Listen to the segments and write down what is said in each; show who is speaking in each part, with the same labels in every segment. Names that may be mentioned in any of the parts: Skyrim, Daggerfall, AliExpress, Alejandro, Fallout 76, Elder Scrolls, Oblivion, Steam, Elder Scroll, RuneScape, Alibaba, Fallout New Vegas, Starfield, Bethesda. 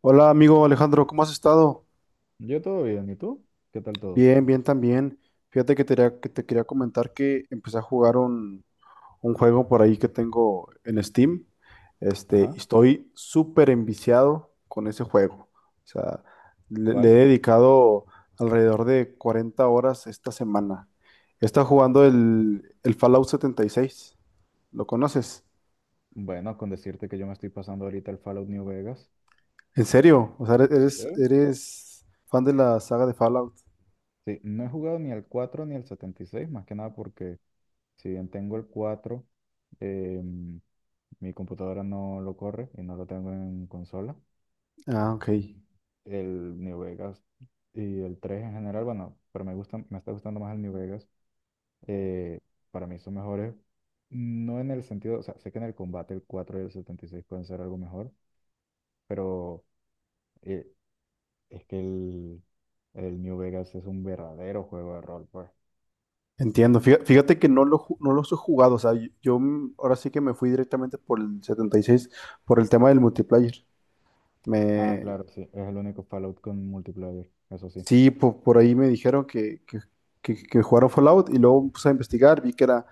Speaker 1: Hola, amigo Alejandro, ¿cómo has estado?
Speaker 2: Yo todo bien, ¿y tú? ¿Qué tal todo?
Speaker 1: Bien, bien también. Fíjate que te quería comentar que empecé a jugar un juego por ahí que tengo en Steam. Y
Speaker 2: Ajá,
Speaker 1: estoy súper enviciado con ese juego. O sea, le he
Speaker 2: ¿cuál?
Speaker 1: dedicado alrededor de 40 horas esta semana. Está jugando el Fallout 76. ¿Lo conoces?
Speaker 2: Bueno, con decirte que yo me estoy pasando ahorita el Fallout New Vegas.
Speaker 1: ¿En serio? O sea,
Speaker 2: ¿Eh?
Speaker 1: eres fan de la saga de Fallout.
Speaker 2: Sí, no he jugado ni el 4 ni el seis más que nada porque si bien tengo el 4 em, mi computadora no lo corre y no lo tengo en consola.
Speaker 1: Ah, ok.
Speaker 2: El New Vegas y el 3 en general, bueno, pero me está gustando más el New Vegas. eh, para mí son mejores, no en el sentido, o sea, sé que en el combate el 4 y el 76 pueden ser algo mejor, pero... eh, Es que el, el New Vegas es un verdadero juego de rol, pues.
Speaker 1: Entiendo. Fíjate que no, no los he jugado. O sea, yo, ahora sí que me fui directamente por el 76 por el tema del multiplayer.
Speaker 2: Ah,
Speaker 1: Me,
Speaker 2: claro, sí, es el único Fallout con multiplayer, eso sí.
Speaker 1: sí, ahí me dijeron que jugaron Fallout y luego puse a investigar, vi que era,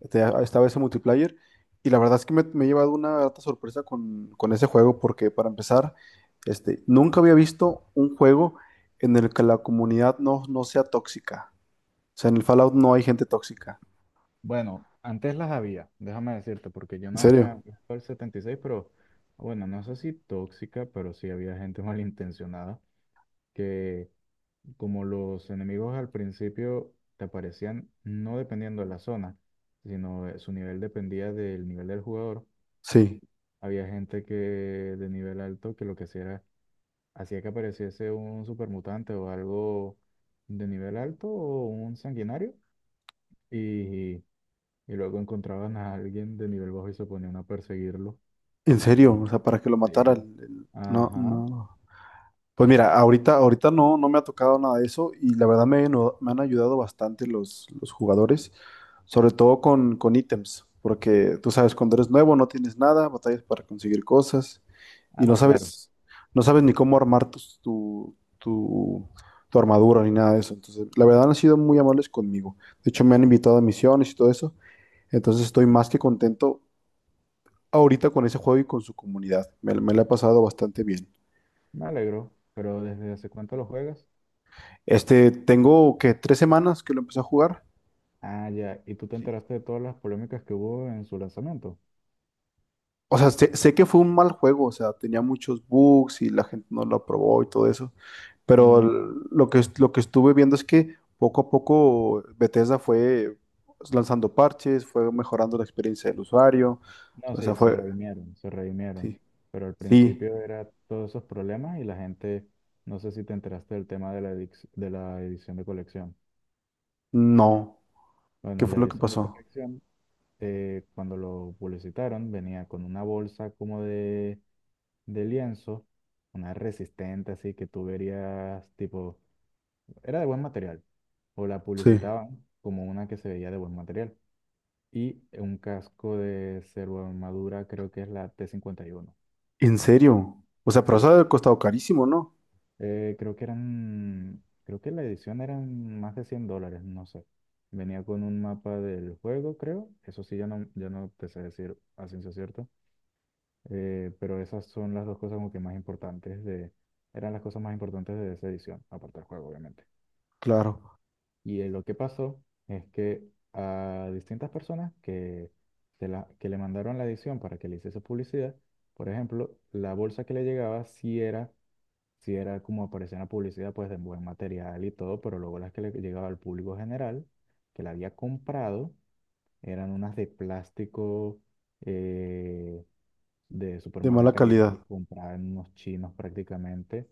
Speaker 1: este, estaba ese multiplayer. Y la verdad es que me he llevado una grata sorpresa con ese juego porque para empezar, nunca había visto un juego en el que la comunidad no sea tóxica. O sea, en el Fallout no hay gente tóxica.
Speaker 2: Bueno, antes las había, déjame decirte, porque yo
Speaker 1: ¿En
Speaker 2: no me
Speaker 1: serio?
Speaker 2: acuerdo el 76, pero bueno, no sé si tóxica, pero sí había gente malintencionada que, como los enemigos al principio te aparecían no dependiendo de la zona, sino su nivel dependía del nivel del jugador.
Speaker 1: Sí.
Speaker 2: Había gente que de nivel alto que lo que hacía era, hacía que apareciese un supermutante o algo de nivel alto o un sanguinario. Y, y luego encontraban a alguien de nivel bajo y se ponían a perseguirlo.
Speaker 1: En serio, o sea, para que lo matara.
Speaker 2: Sí.
Speaker 1: No,
Speaker 2: Ajá.
Speaker 1: no. Pues mira, ahorita no, no me ha tocado nada de eso y la verdad me han ayudado bastante los jugadores, sobre todo con ítems, porque tú sabes, cuando eres nuevo no tienes nada, batallas para conseguir cosas y
Speaker 2: Ah,
Speaker 1: no
Speaker 2: no, claro.
Speaker 1: sabes, no sabes ni cómo armar tu armadura ni nada de eso. Entonces, la verdad han sido muy amables conmigo. De hecho, me han invitado a misiones y todo eso. Entonces estoy
Speaker 2: Ujú.
Speaker 1: más que contento ahorita con ese juego y con su comunidad. Me la he pasado bastante bien.
Speaker 2: Me alegro. Pero ¿desde hace cuánto lo juegas?
Speaker 1: Este, tengo que tres semanas que lo empecé a jugar.
Speaker 2: Ah, ya. ¿Y tú te enteraste de todas las polémicas que hubo en su lanzamiento?
Speaker 1: O sea, sé que fue un mal juego, o sea, tenía muchos bugs y la gente no lo aprobó y todo eso. Pero
Speaker 2: Mm,
Speaker 1: lo que estuve viendo es que poco a poco Bethesda fue lanzando parches, fue mejorando la experiencia del usuario.
Speaker 2: no,
Speaker 1: O sea,
Speaker 2: sí, se
Speaker 1: fue...
Speaker 2: redimieron, se redimieron.
Speaker 1: Sí.
Speaker 2: Pero al
Speaker 1: Sí.
Speaker 2: principio era todos esos problemas y la gente, no sé si te enteraste del tema de de la edición de colección.
Speaker 1: No. ¿Qué
Speaker 2: Bueno, la
Speaker 1: fue lo que
Speaker 2: edición de
Speaker 1: pasó?
Speaker 2: colección, cuando lo publicitaron, venía con una bolsa como de lienzo, una resistente, así que tú verías, tipo, era de buen material, o la
Speaker 1: Sí.
Speaker 2: publicitaban como una que se veía de buen material, y un casco de armadura, creo que es la t 51.
Speaker 1: ¿En serio? O sea, pero eso ha de
Speaker 2: Sí,
Speaker 1: haber costado carísimo, ¿no?
Speaker 2: creo que eran, creo que la edición eran más de $100, no sé. Venía con un mapa del juego, creo. Eso sí, ya no, ya no te sé decir a ciencia cierta. Pero esas son las dos cosas como que más importantes de, eran las cosas más importantes de esa edición, aparte del juego, obviamente.
Speaker 1: Claro.
Speaker 2: Y lo que pasó es que a distintas personas que, que le mandaron la edición para que le hiciese publicidad, por ejemplo, la bolsa que le llegaba sí era como aparecía en la publicidad, pues de buen material y todo, pero luego las que le llegaba al público general, que la había comprado, eran unas de plástico. eh, de súper
Speaker 1: De
Speaker 2: mala
Speaker 1: mala
Speaker 2: calidad,
Speaker 1: calidad.
Speaker 2: comprada en unos chinos prácticamente.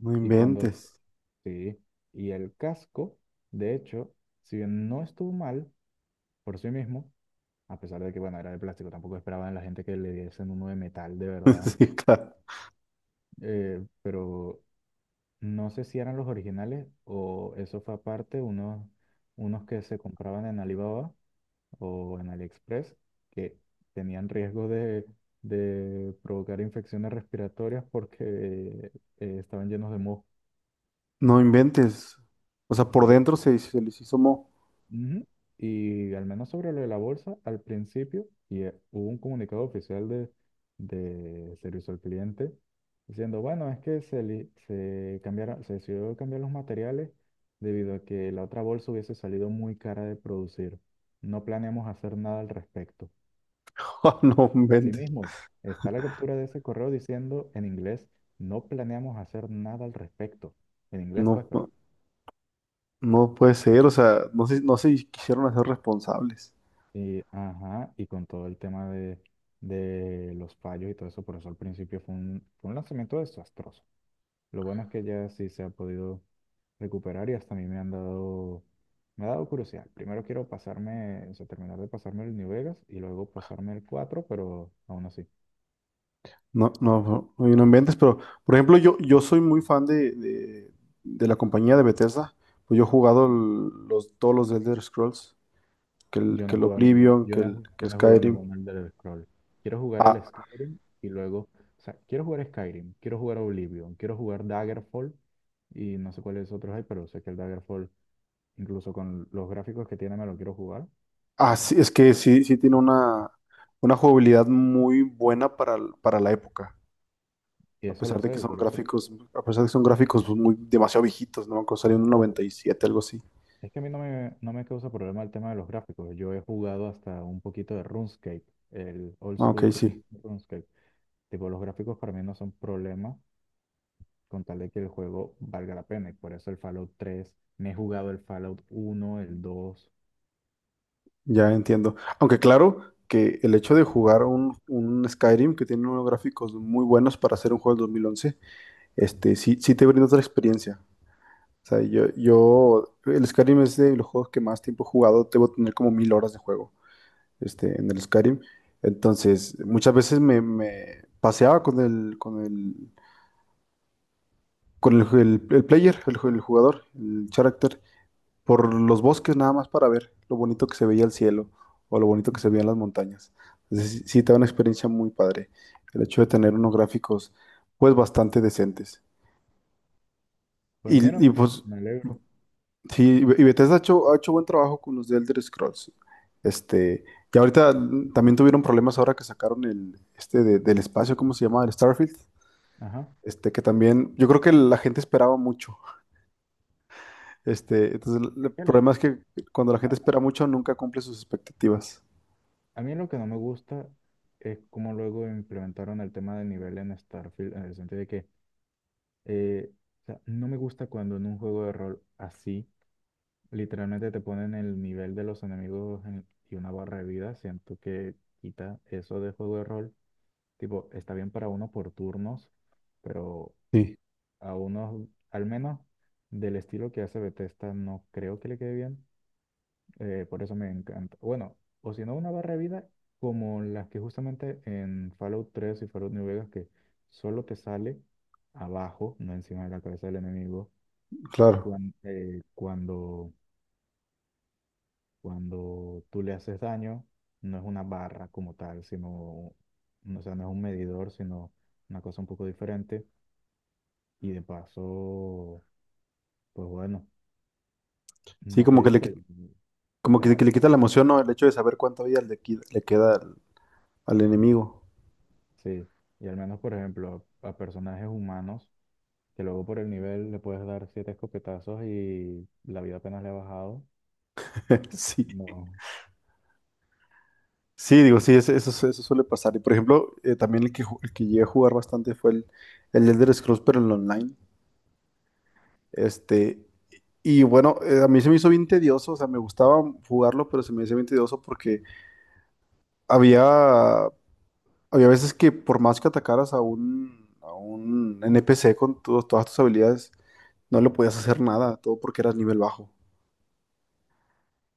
Speaker 1: No
Speaker 2: Y cuando,
Speaker 1: inventes.
Speaker 2: sí, y el casco, de hecho, si bien no estuvo mal por sí mismo, a pesar de que, bueno, era de plástico, tampoco esperaban la gente que le diesen uno de metal de verdad,
Speaker 1: Sí, claro.
Speaker 2: pero no sé si eran los originales o eso fue aparte, unos, unos que se compraban en Alibaba o en AliExpress que tenían riesgo de provocar infecciones respiratorias porque estaban llenos de moho.
Speaker 1: No inventes. O sea, por
Speaker 2: Sí.
Speaker 1: dentro se les hizo mo.
Speaker 2: Ujú. Y al menos sobre lo de la bolsa, al principio, y hubo un comunicado oficial de servicio al cliente diciendo, bueno, es que se cambiaron, se decidió cambiar los materiales debido a que la otra bolsa hubiese salido muy cara de producir. No planeamos hacer nada al respecto.
Speaker 1: Ah, no inventes.
Speaker 2: Asimismo, está la captura de ese correo diciendo en inglés, no planeamos hacer nada al respecto. En inglés, pues,
Speaker 1: No,
Speaker 2: pero...
Speaker 1: no, no puede ser. O sea, no se quisieron hacer responsables.
Speaker 2: Y, ajá, y con todo el tema de los fallos y todo eso, por eso al principio fue un lanzamiento desastroso. Lo bueno es que ya sí se ha podido recuperar y hasta a mí me han dado, me ha dado curiosidad. Primero quiero pasarme, o sea, terminar de pasarme el New Vegas y luego pasarme el cuatro, pero aún así.
Speaker 1: No, no, no, no, y no inventes. Pero, por ejemplo, yo soy muy fan de la compañía de Bethesda. Pues yo he jugado
Speaker 2: ¿No?
Speaker 1: todos los Elder Scrolls. Que el,
Speaker 2: Yo no
Speaker 1: que
Speaker 2: he
Speaker 1: el
Speaker 2: jugado ningún,
Speaker 1: Oblivion,
Speaker 2: yo
Speaker 1: que
Speaker 2: no he,
Speaker 1: el,
Speaker 2: ju-
Speaker 1: que
Speaker 2: yo no he jugado
Speaker 1: Skyrim.
Speaker 2: ningún Elder Scroll. Quiero jugar el
Speaker 1: A-
Speaker 2: Skyrim y luego, o sea, quiero jugar Skyrim, quiero jugar Oblivion, quiero jugar Daggerfall y no sé cuáles otros hay, pero sé que el Daggerfall, incluso con los gráficos que tiene, me lo quiero jugar.
Speaker 1: Ah, sí, es que sí, sí tiene una jugabilidad muy buena para, para la época.
Speaker 2: Y
Speaker 1: A
Speaker 2: eso
Speaker 1: pesar
Speaker 2: lo
Speaker 1: de que
Speaker 2: sé, y
Speaker 1: son
Speaker 2: por eso.
Speaker 1: gráficos, a pesar de que son gráficos pues, muy demasiado viejitos, ¿no? Cuando salió en el
Speaker 2: Ojo.
Speaker 1: 97, algo así.
Speaker 2: Es que a mí no me causa problema el tema de los gráficos. Yo he jugado hasta un poquito de RuneScape, el old
Speaker 1: Ah, ok,
Speaker 2: school Run-
Speaker 1: sí,
Speaker 2: RuneScape. Tipo, los gráficos para mí no son problema con tal de que el juego valga la pena. Y por eso el Fallout 3, me he jugado el Fallout 1, el 2.
Speaker 1: ya entiendo. Aunque claro que el hecho de jugar un Skyrim que tiene unos gráficos muy buenos para hacer un juego del 2011, sí, sí te brinda otra experiencia. O sea, el Skyrim es de los juegos que más tiempo he jugado, debo tener como 1000 horas de juego. Este, en el Skyrim. Entonces, muchas veces me paseaba el player, el jugador, el character, por los bosques nada más para ver lo bonito que se veía el cielo o lo bonito que se veían las montañas. Entonces, sí, sí te da una experiencia muy padre el hecho de tener unos gráficos pues bastante decentes.
Speaker 2: Pues mira,
Speaker 1: Pues
Speaker 2: me alegro.
Speaker 1: sí, y Bethesda ha hecho buen trabajo con los de Elder Scrolls. Este, y ahorita también tuvieron problemas ahora que sacaron el este del espacio, ¿cómo se llama? El Starfield.
Speaker 2: Ajá.
Speaker 1: Este, que también, yo creo que la gente esperaba mucho. Este, entonces
Speaker 2: Es
Speaker 1: el
Speaker 2: que el-
Speaker 1: problema es que cuando la gente
Speaker 2: a,
Speaker 1: espera mucho, nunca cumple sus expectativas.
Speaker 2: a mí lo que no me gusta es cómo luego implementaron el tema de nivel en Starfield, en el sentido de que eh, o sea, no me gusta cuando en un juego de rol así, literalmente te ponen el nivel de los enemigos y una barra de vida. Siento que quita eso de juego de rol. Tipo, está bien para uno por turnos, pero
Speaker 1: Sí.
Speaker 2: a unos, al menos del estilo que hace Bethesda, no creo que le quede bien. Por eso me encanta. Bueno, o si no, una barra de vida como las que justamente en Fallout 3 y Fallout New Vegas, que solo te sale abajo, no encima de la cabeza del enemigo,
Speaker 1: Claro.
Speaker 2: cuan- eh, cuando, cuando tú le haces daño, no es una barra como tal, sino, no, o sea, no es un medidor, sino una cosa un poco diferente. Y de paso, pues bueno,
Speaker 1: Sí,
Speaker 2: no te
Speaker 1: como que
Speaker 2: dice. O
Speaker 1: como
Speaker 2: sea,
Speaker 1: que le quita la emoción, ¿no? El hecho de saber cuánta vida le queda al enemigo.
Speaker 2: sí. Y al menos, por ejemplo, a personajes humanos, que luego por el nivel le puedes dar 7 escopetazos y la vida apenas le ha bajado.
Speaker 1: Sí.
Speaker 2: No,
Speaker 1: Sí, digo, sí, eso suele pasar. Y por ejemplo, también el el que llegué a jugar bastante fue el Elder Scrolls, pero en online. Este, y bueno, a mí se me hizo bien tedioso, o sea, me gustaba jugarlo, pero se me hizo bien tedioso porque había, había veces que por más que atacaras a a un NPC con todas tus habilidades, no le podías hacer nada, todo porque eras nivel bajo.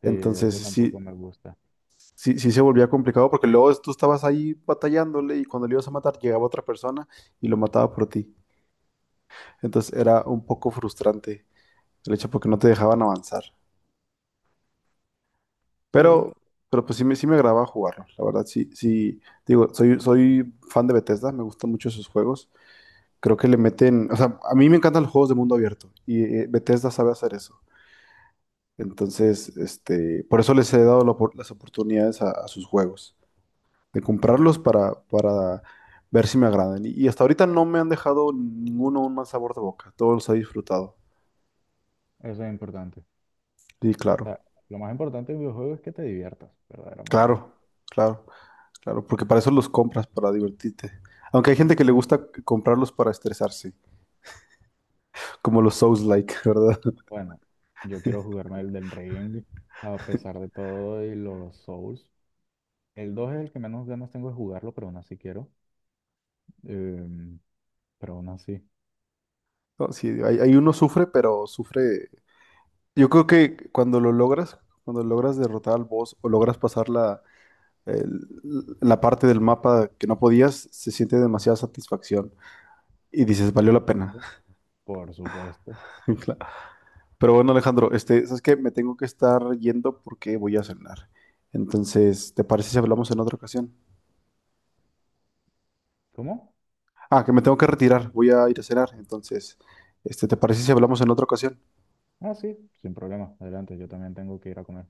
Speaker 2: sí,
Speaker 1: Entonces,
Speaker 2: eso tampoco me gusta.
Speaker 1: sí se volvía complicado porque luego tú estabas ahí batallándole y cuando le ibas a matar llegaba otra persona y lo mataba por ti. Entonces era un poco frustrante el hecho porque no te dejaban avanzar.
Speaker 2: Sí,
Speaker 1: Pero, pero pues sí me agradaba jugarlo. La verdad, sí, sí, digo, soy fan de Bethesda, me gustan mucho sus juegos. Creo que le meten, o sea, a mí me encantan los juegos de mundo abierto y Bethesda sabe hacer eso. Entonces, este, por eso les he dado las oportunidades a sus juegos, de
Speaker 2: ujú.
Speaker 1: comprarlos para ver si me agradan. Y hasta ahorita no me han dejado ninguno un mal sabor de boca. Todos los he disfrutado.
Speaker 2: Eso es importante. O
Speaker 1: Sí,
Speaker 2: sea, lo más importante del videojuego es que te diviertas, verdaderamente.
Speaker 1: claro, claro, claro, porque para eso los compras, para divertirte. Aunque hay gente que le
Speaker 2: Ujú.
Speaker 1: gusta comprarlos para estresarse, como los Souls-like, ¿verdad?
Speaker 2: Bueno, yo quiero jugarme el del Ring, a pesar de todo, y los Souls. El 2 es el que menos ganas tengo de jugarlo, pero aún así quiero. Em, pero aún así,
Speaker 1: No, sí, hay uno sufre, pero sufre. Yo creo que cuando lo logras, cuando logras derrotar al boss o logras pasar la parte del mapa que no podías, se siente demasiada satisfacción y dices,
Speaker 2: por
Speaker 1: valió la pena.
Speaker 2: supuesto. Por supuesto.
Speaker 1: Claro. Pero bueno, Alejandro, este, sabes que me tengo que estar yendo porque voy a cenar. Entonces, ¿te parece si hablamos en otra ocasión?
Speaker 2: ¿Cómo?
Speaker 1: Ah, que me tengo que retirar, voy a ir a cenar. Entonces, este, ¿te parece si hablamos en otra ocasión?
Speaker 2: Ah, sí, sin problema. Adelante, yo también tengo que ir a comer.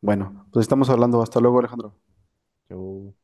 Speaker 1: Bueno, pues estamos hablando. Hasta luego, Alejandro.
Speaker 2: Yo